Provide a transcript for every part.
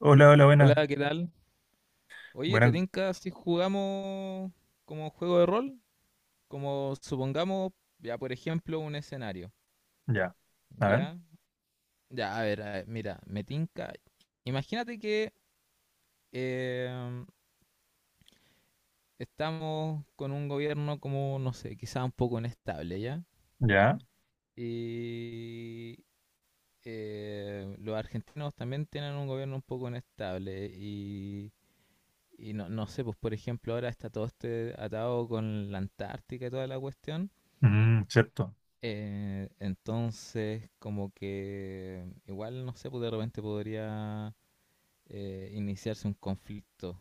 Hola, hola, buenas. Hola, ¿qué tal? Oye, ¿te Buenas, tinca si jugamos como juego de rol? Como supongamos, ya por ejemplo, un escenario. ya. A ver, ¿Ya? Ya, a ver, mira, me tinca. Imagínate que em, estamos con un gobierno como, no sé, quizá un poco inestable, ¿ya? ya. Y los argentinos también tienen un gobierno un poco inestable y... Y no, no sé, pues por ejemplo ahora está todo este atado con la Antártica y toda la cuestión. Mm, cierto. Entonces, como que igual, no sé, pues de repente podría iniciarse un conflicto,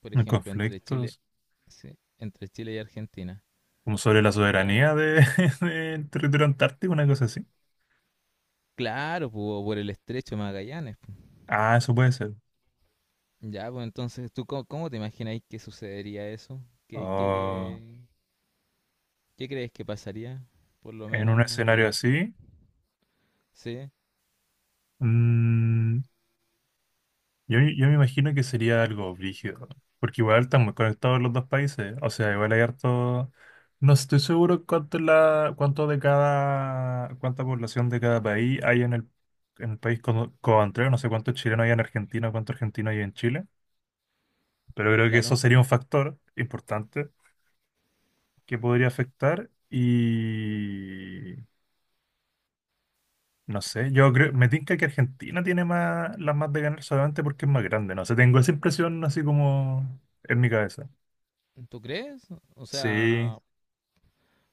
por ejemplo, entre Chile, Conflictos. sí, entre Chile y Argentina. Como sobre la Ya, soberanía de, del territorio antártico, una cosa así. claro, pues, o por el estrecho de Magallanes, pues. Ah, eso puede ser. Ya, pues entonces, ¿tú cómo, cómo te imagináis que sucedería eso? ¿Qué, Oh, qué, qué crees que pasaría? Por lo en un menos, escenario desde- así. sí, mm, yo me imagino que sería algo brígido, porque igual están muy conectados los dos países, o sea, igual hay harto... No estoy seguro cuánto, es la, cuánto de cada, cuánta población de cada país hay en el país coantrero, no sé cuántos chilenos hay en Argentina, cuántos argentinos hay en Chile, pero creo que eso claro. sería un factor importante que podría afectar y... No sé, yo creo, me tinca que Argentina tiene más, las más de ganar solamente porque es más grande, no sé, tengo esa impresión así como en mi cabeza. ¿Tú crees? O Sí. sea,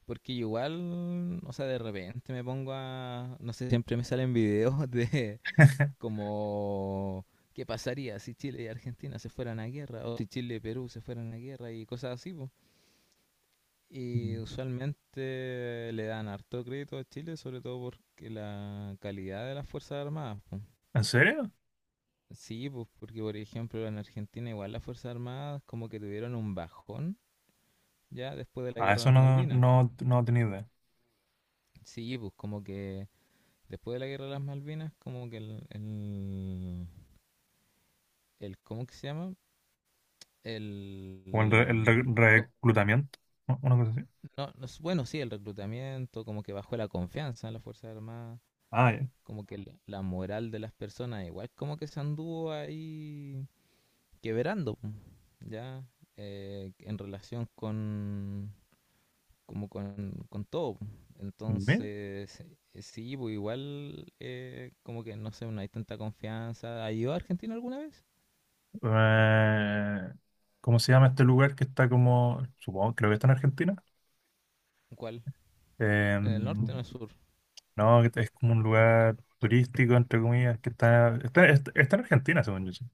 porque igual, o sea, de repente me pongo a, no sé, siempre me salen videos de como qué pasaría si Chile y Argentina se fueran a guerra, o si Chile y Perú se fueran a guerra y cosas así, po. Y Mm. usualmente le dan harto crédito a Chile, sobre todo porque la calidad de las Fuerzas Armadas, po. ¿En serio? Sí, pues porque por ejemplo en Argentina igual las Fuerzas Armadas como que tuvieron un bajón ya después de la Ah, guerra de eso las Malvinas. No tenía idea. Sí, pues como que después de la guerra de las Malvinas, como que el ¿cómo que se llama? El, O el, no, reclutamiento, ¿no? Una cosa así. no, bueno, sí, el reclutamiento, como que bajó la confianza en las Fuerzas Armadas, Ah, ya. como que la moral de las personas, igual como que se anduvo ahí quebrando, ya, en relación con, como con todo. Ve, Entonces, sí, pues igual, como que no sé, no hay tanta confianza. ¿Ha ido a Argentina alguna vez? eh, ¿cómo se llama este lugar que está como, supongo, creo que está en Argentina? ¿Cuál? Eh, ¿En el norte o en el sur? no, que es como un lugar turístico, entre comillas, que está en Argentina, según yo. Sí.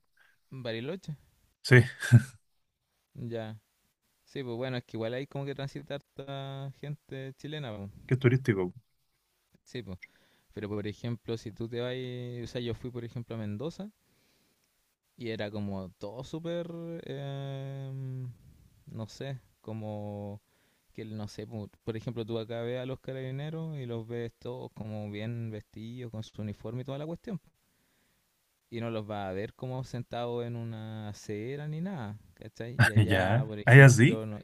¿Bariloche? Sí, Ya. Sí, pues bueno, es que igual hay como que transitar harta gente chilena, pues. que es turístico. Sí, pues. Pero por ejemplo, si tú te vas, o sea, yo fui por ejemplo a Mendoza y era como todo súper, eh, no sé, como que no sé, por ejemplo, tú acá ves a los carabineros y los ves todos como bien vestidos, con su uniforme y toda la cuestión. Y no los vas a ver como sentados en una acera ni nada, ¿cachai? Y allá, Ya, por ¿hay sí. ejemplo, no,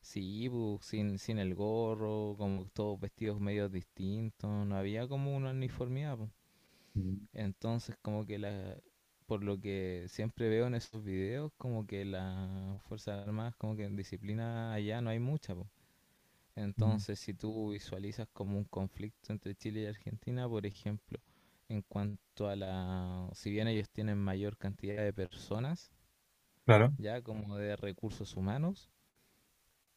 sí, bu, sin el gorro, como todos vestidos medio distintos, no había como una uniformidad, bu. Mm. Entonces, como que la, por lo que siempre veo en esos videos, como que las Fuerzas Armadas, como que en disciplina allá no hay mucha, bu. Entonces, si tú visualizas como un conflicto entre Chile y Argentina, por ejemplo, en cuanto a la, si bien ellos tienen mayor cantidad de personas, Claro, ya como de recursos humanos,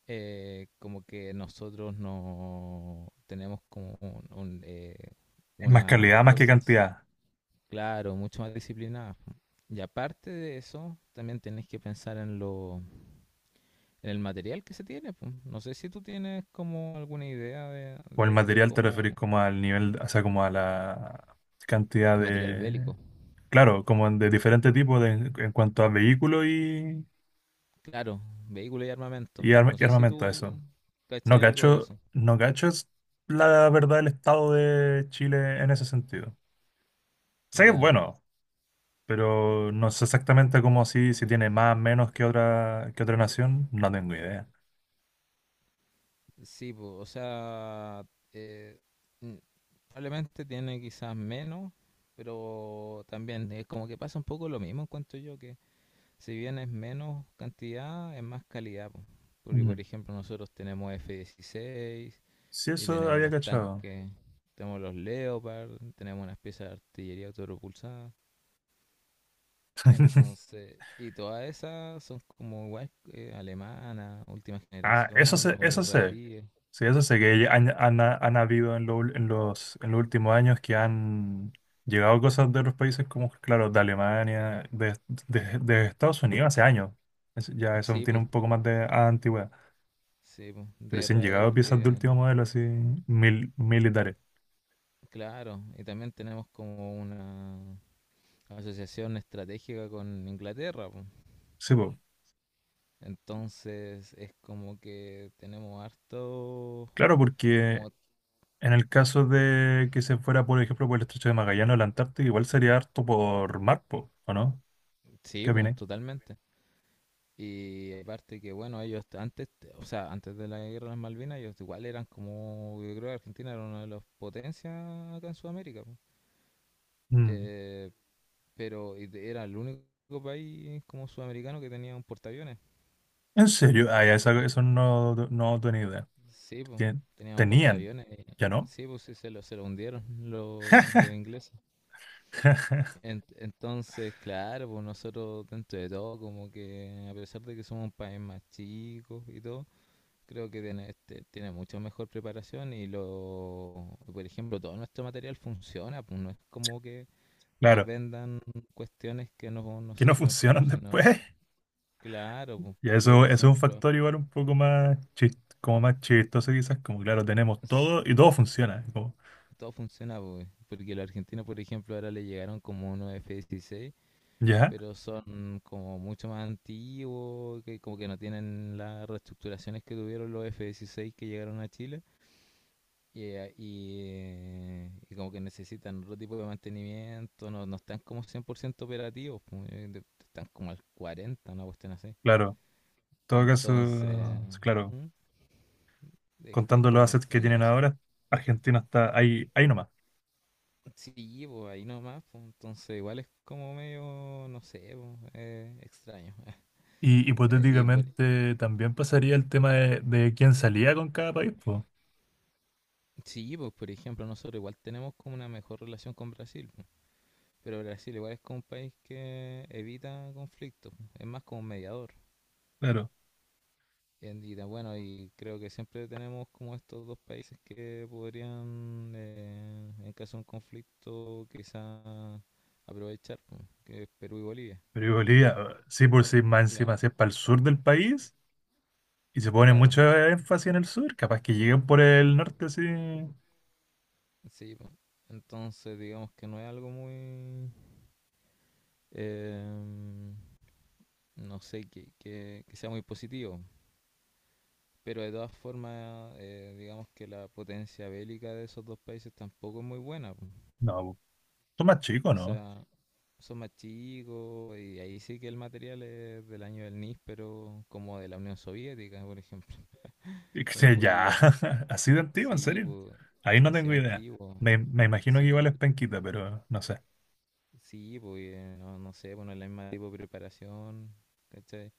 como que nosotros no tenemos como un, es más unas calidad más que fuerzas, cantidad. claro, mucho más disciplinadas, po. Y aparte de eso, también tenés que pensar en lo, en el material que se tiene, po. No sé si tú tienes como alguna idea de, Con el de material te cómo referís como al nivel, o sea, como a la cantidad material bélico, de, claro, como de diferentes tipos de- en cuanto a vehículos y, claro, vehículo y armamento. y, arma- No y sé si armamento, tú eso. No cachai algo de cacho, eso. no cacho es la verdad el estado de Chile en ese sentido. Sé que es Ya, bueno, pero no sé exactamente cómo si, si tiene más o menos que otra nación, no tengo idea. sí, po, o sea, eh, mm, probablemente tiene quizás menos, pero también es como que pasa un poco lo mismo, encuentro yo, que si bien es menos cantidad, es más calidad, po. Porque, por Mm. ejemplo, nosotros tenemos F-16 Sí, y eso tenemos había los cachado. tanques, tenemos los Leopard, tenemos unas piezas de artillería autopropulsada. Entonces, y todas esas son como igual alemanas, última Ah, generación o eso sé. israelíes. Sí, eso sé que han habido en, en los últimos años que han llegado cosas de otros países como, claro, de Alemania, de, de Estados Unidos hace años. Es- ya eso Sí, tiene pues un poco más de antigüedad. sí, po, Pero de sí han llegado Israel, piezas de que último modelo así militares. claro, y también tenemos como una asociación estratégica con Inglaterra, po. Sí, po. Entonces es como que tenemos harto, Claro, porque como, en el caso de que se fuera, por ejemplo, por el estrecho de Magallanes o la Antártica, igual sería harto por mar, po, ¿o no? sí, ¿Qué po, opináis? totalmente. Y aparte que bueno, ellos antes, o sea, antes de la guerra de las Malvinas, ellos igual eran como, yo creo que Argentina era una de las potencias acá en Sudamérica, po. Mm. Eh, pero y de- era el único país como sudamericano que tenía un portaaviones. ¿En serio? Ah, ya, esa- Este, eso no tenía idea. sí, pues, Tien- tenían tenían, portaaviones, ya y- no. sí, pues sí, se lo hundieron los ingleses. En- entonces, claro, pues nosotros dentro de todo, como que a pesar de que somos un país más chico y todo, creo que tiene, este, tiene mucho mejor preparación y lo, por ejemplo, todo nuestro material funciona, pues no es como que nos Claro, vendan cuestiones que no nos que no sirven, pues, funcionan sino, después. claro, pues, Y porque por eso es un ejemplo... factor igual un poco más como más chistoso quizás, como claro, tenemos todo y todo funciona. Como, Todo funciona, pues, porque los argentinos, por ejemplo, ahora le llegaron como unos F-16, ya, pero son como mucho más antiguos, que como que no tienen las reestructuraciones que tuvieron los F-16 que llegaron a Chile. Y, y como que necesitan otro tipo de mantenimiento, no, no están como 100% operativos, pues, de- están como al 40, una cuestión así. claro. En todo caso, Entonces, claro, ¿Mm? Es contando los como assets que extraño tienen eso. ahora, Argentina está ahí, ahí nomás. Sí, pues ahí nomás, pues, entonces igual es como medio, no sé, pues, extraño. Y Y por- hipotéticamente también pasaría el tema de quién salía con cada país, pues. sí, pues por ejemplo, nosotros igual tenemos como una mejor relación con Brasil, pues, pero Brasil igual es como un país que evita conflictos, pues, es más como un mediador. Claro. En- y, da- bueno, y creo que siempre tenemos como estos dos países que podrían, en caso de un conflicto, quizá aprovechar, pues, que es Perú y Bolivia. Pero y Bolivia, sí, por sí, más encima, Claro, si es para el sur del país. Y se pone claro. mucho énfasis en el sur, capaz que lleguen por el norte así. Sí, po, entonces digamos que no es algo muy, em, no sé, que sea muy positivo. Pero de todas formas, digamos que la potencia bélica de esos dos países tampoco es muy buena, po. No, son más chicos, O ¿no? sea, son más chicos y ahí sí que el material es del año del NIS, pero como de la Unión Soviética, por ejemplo, Y en ya, Bolivia. así de antiguo, en Sí, serio. pues, Ahí no así tengo idea. antiguo. Me imagino que igual es Sí, penquita, pero no sé. sí, pues, no, no sé, bueno, la misma tipo de preparación. ¿Cachai?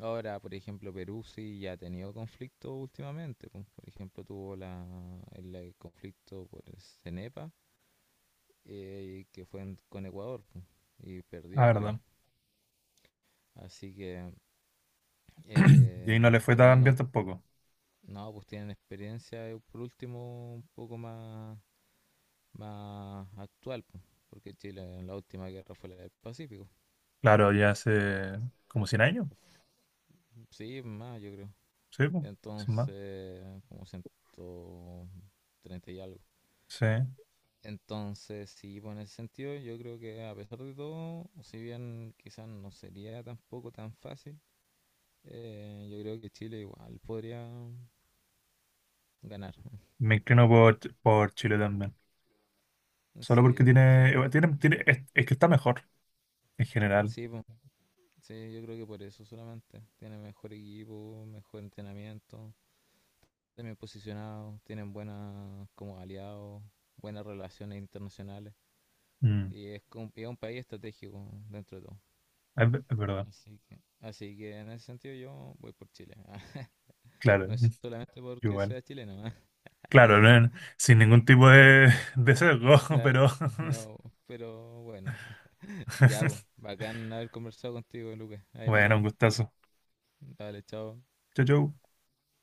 Ahora, por ejemplo, Perú sí ya ha tenido conflictos últimamente, pues. Por ejemplo, tuvo la, el conflicto por el CENEPA, que fue en- con Ecuador, pues, y La perdió, creo. verdad. Así que, Y ahí no le fue por lo tan bien menos, tampoco. no, pues tienen experiencia, por último, un poco más, más actual, pues, porque Chile en la última guerra fue la del Pacífico. Claro, ya hace como 100 años, Sí, más, yo creo. sí, po, sin más. Entonces, como 130 y algo. Sí. Entonces, sí, pues en ese sentido, yo creo que a pesar de todo, si bien quizás no sería tampoco tan fácil, yo creo que Chile igual podría ganar. Me inclino por, por Chile también. Solo porque Sí, sí, tiene, es que está mejor en general. sí, pues, sí, yo creo que por eso solamente. Tiene mejor equipo, mejor entrenamiento, están bien posicionados, tienen buenas como aliados, buenas relaciones internacionales Mm, y es, como- y es un país estratégico dentro de todo. es, es verdad. Así que en ese sentido yo voy por Chile. Claro, No es solamente porque igual. sea chileno, ¿ah? Claro, sin ningún tipo No, de sesgo, claro, pero no, pero bueno, ya, po, bacán haber conversado contigo, Lucas. Ahí nos bueno, un vemos. gustazo. Dale, chao. Chau, chau.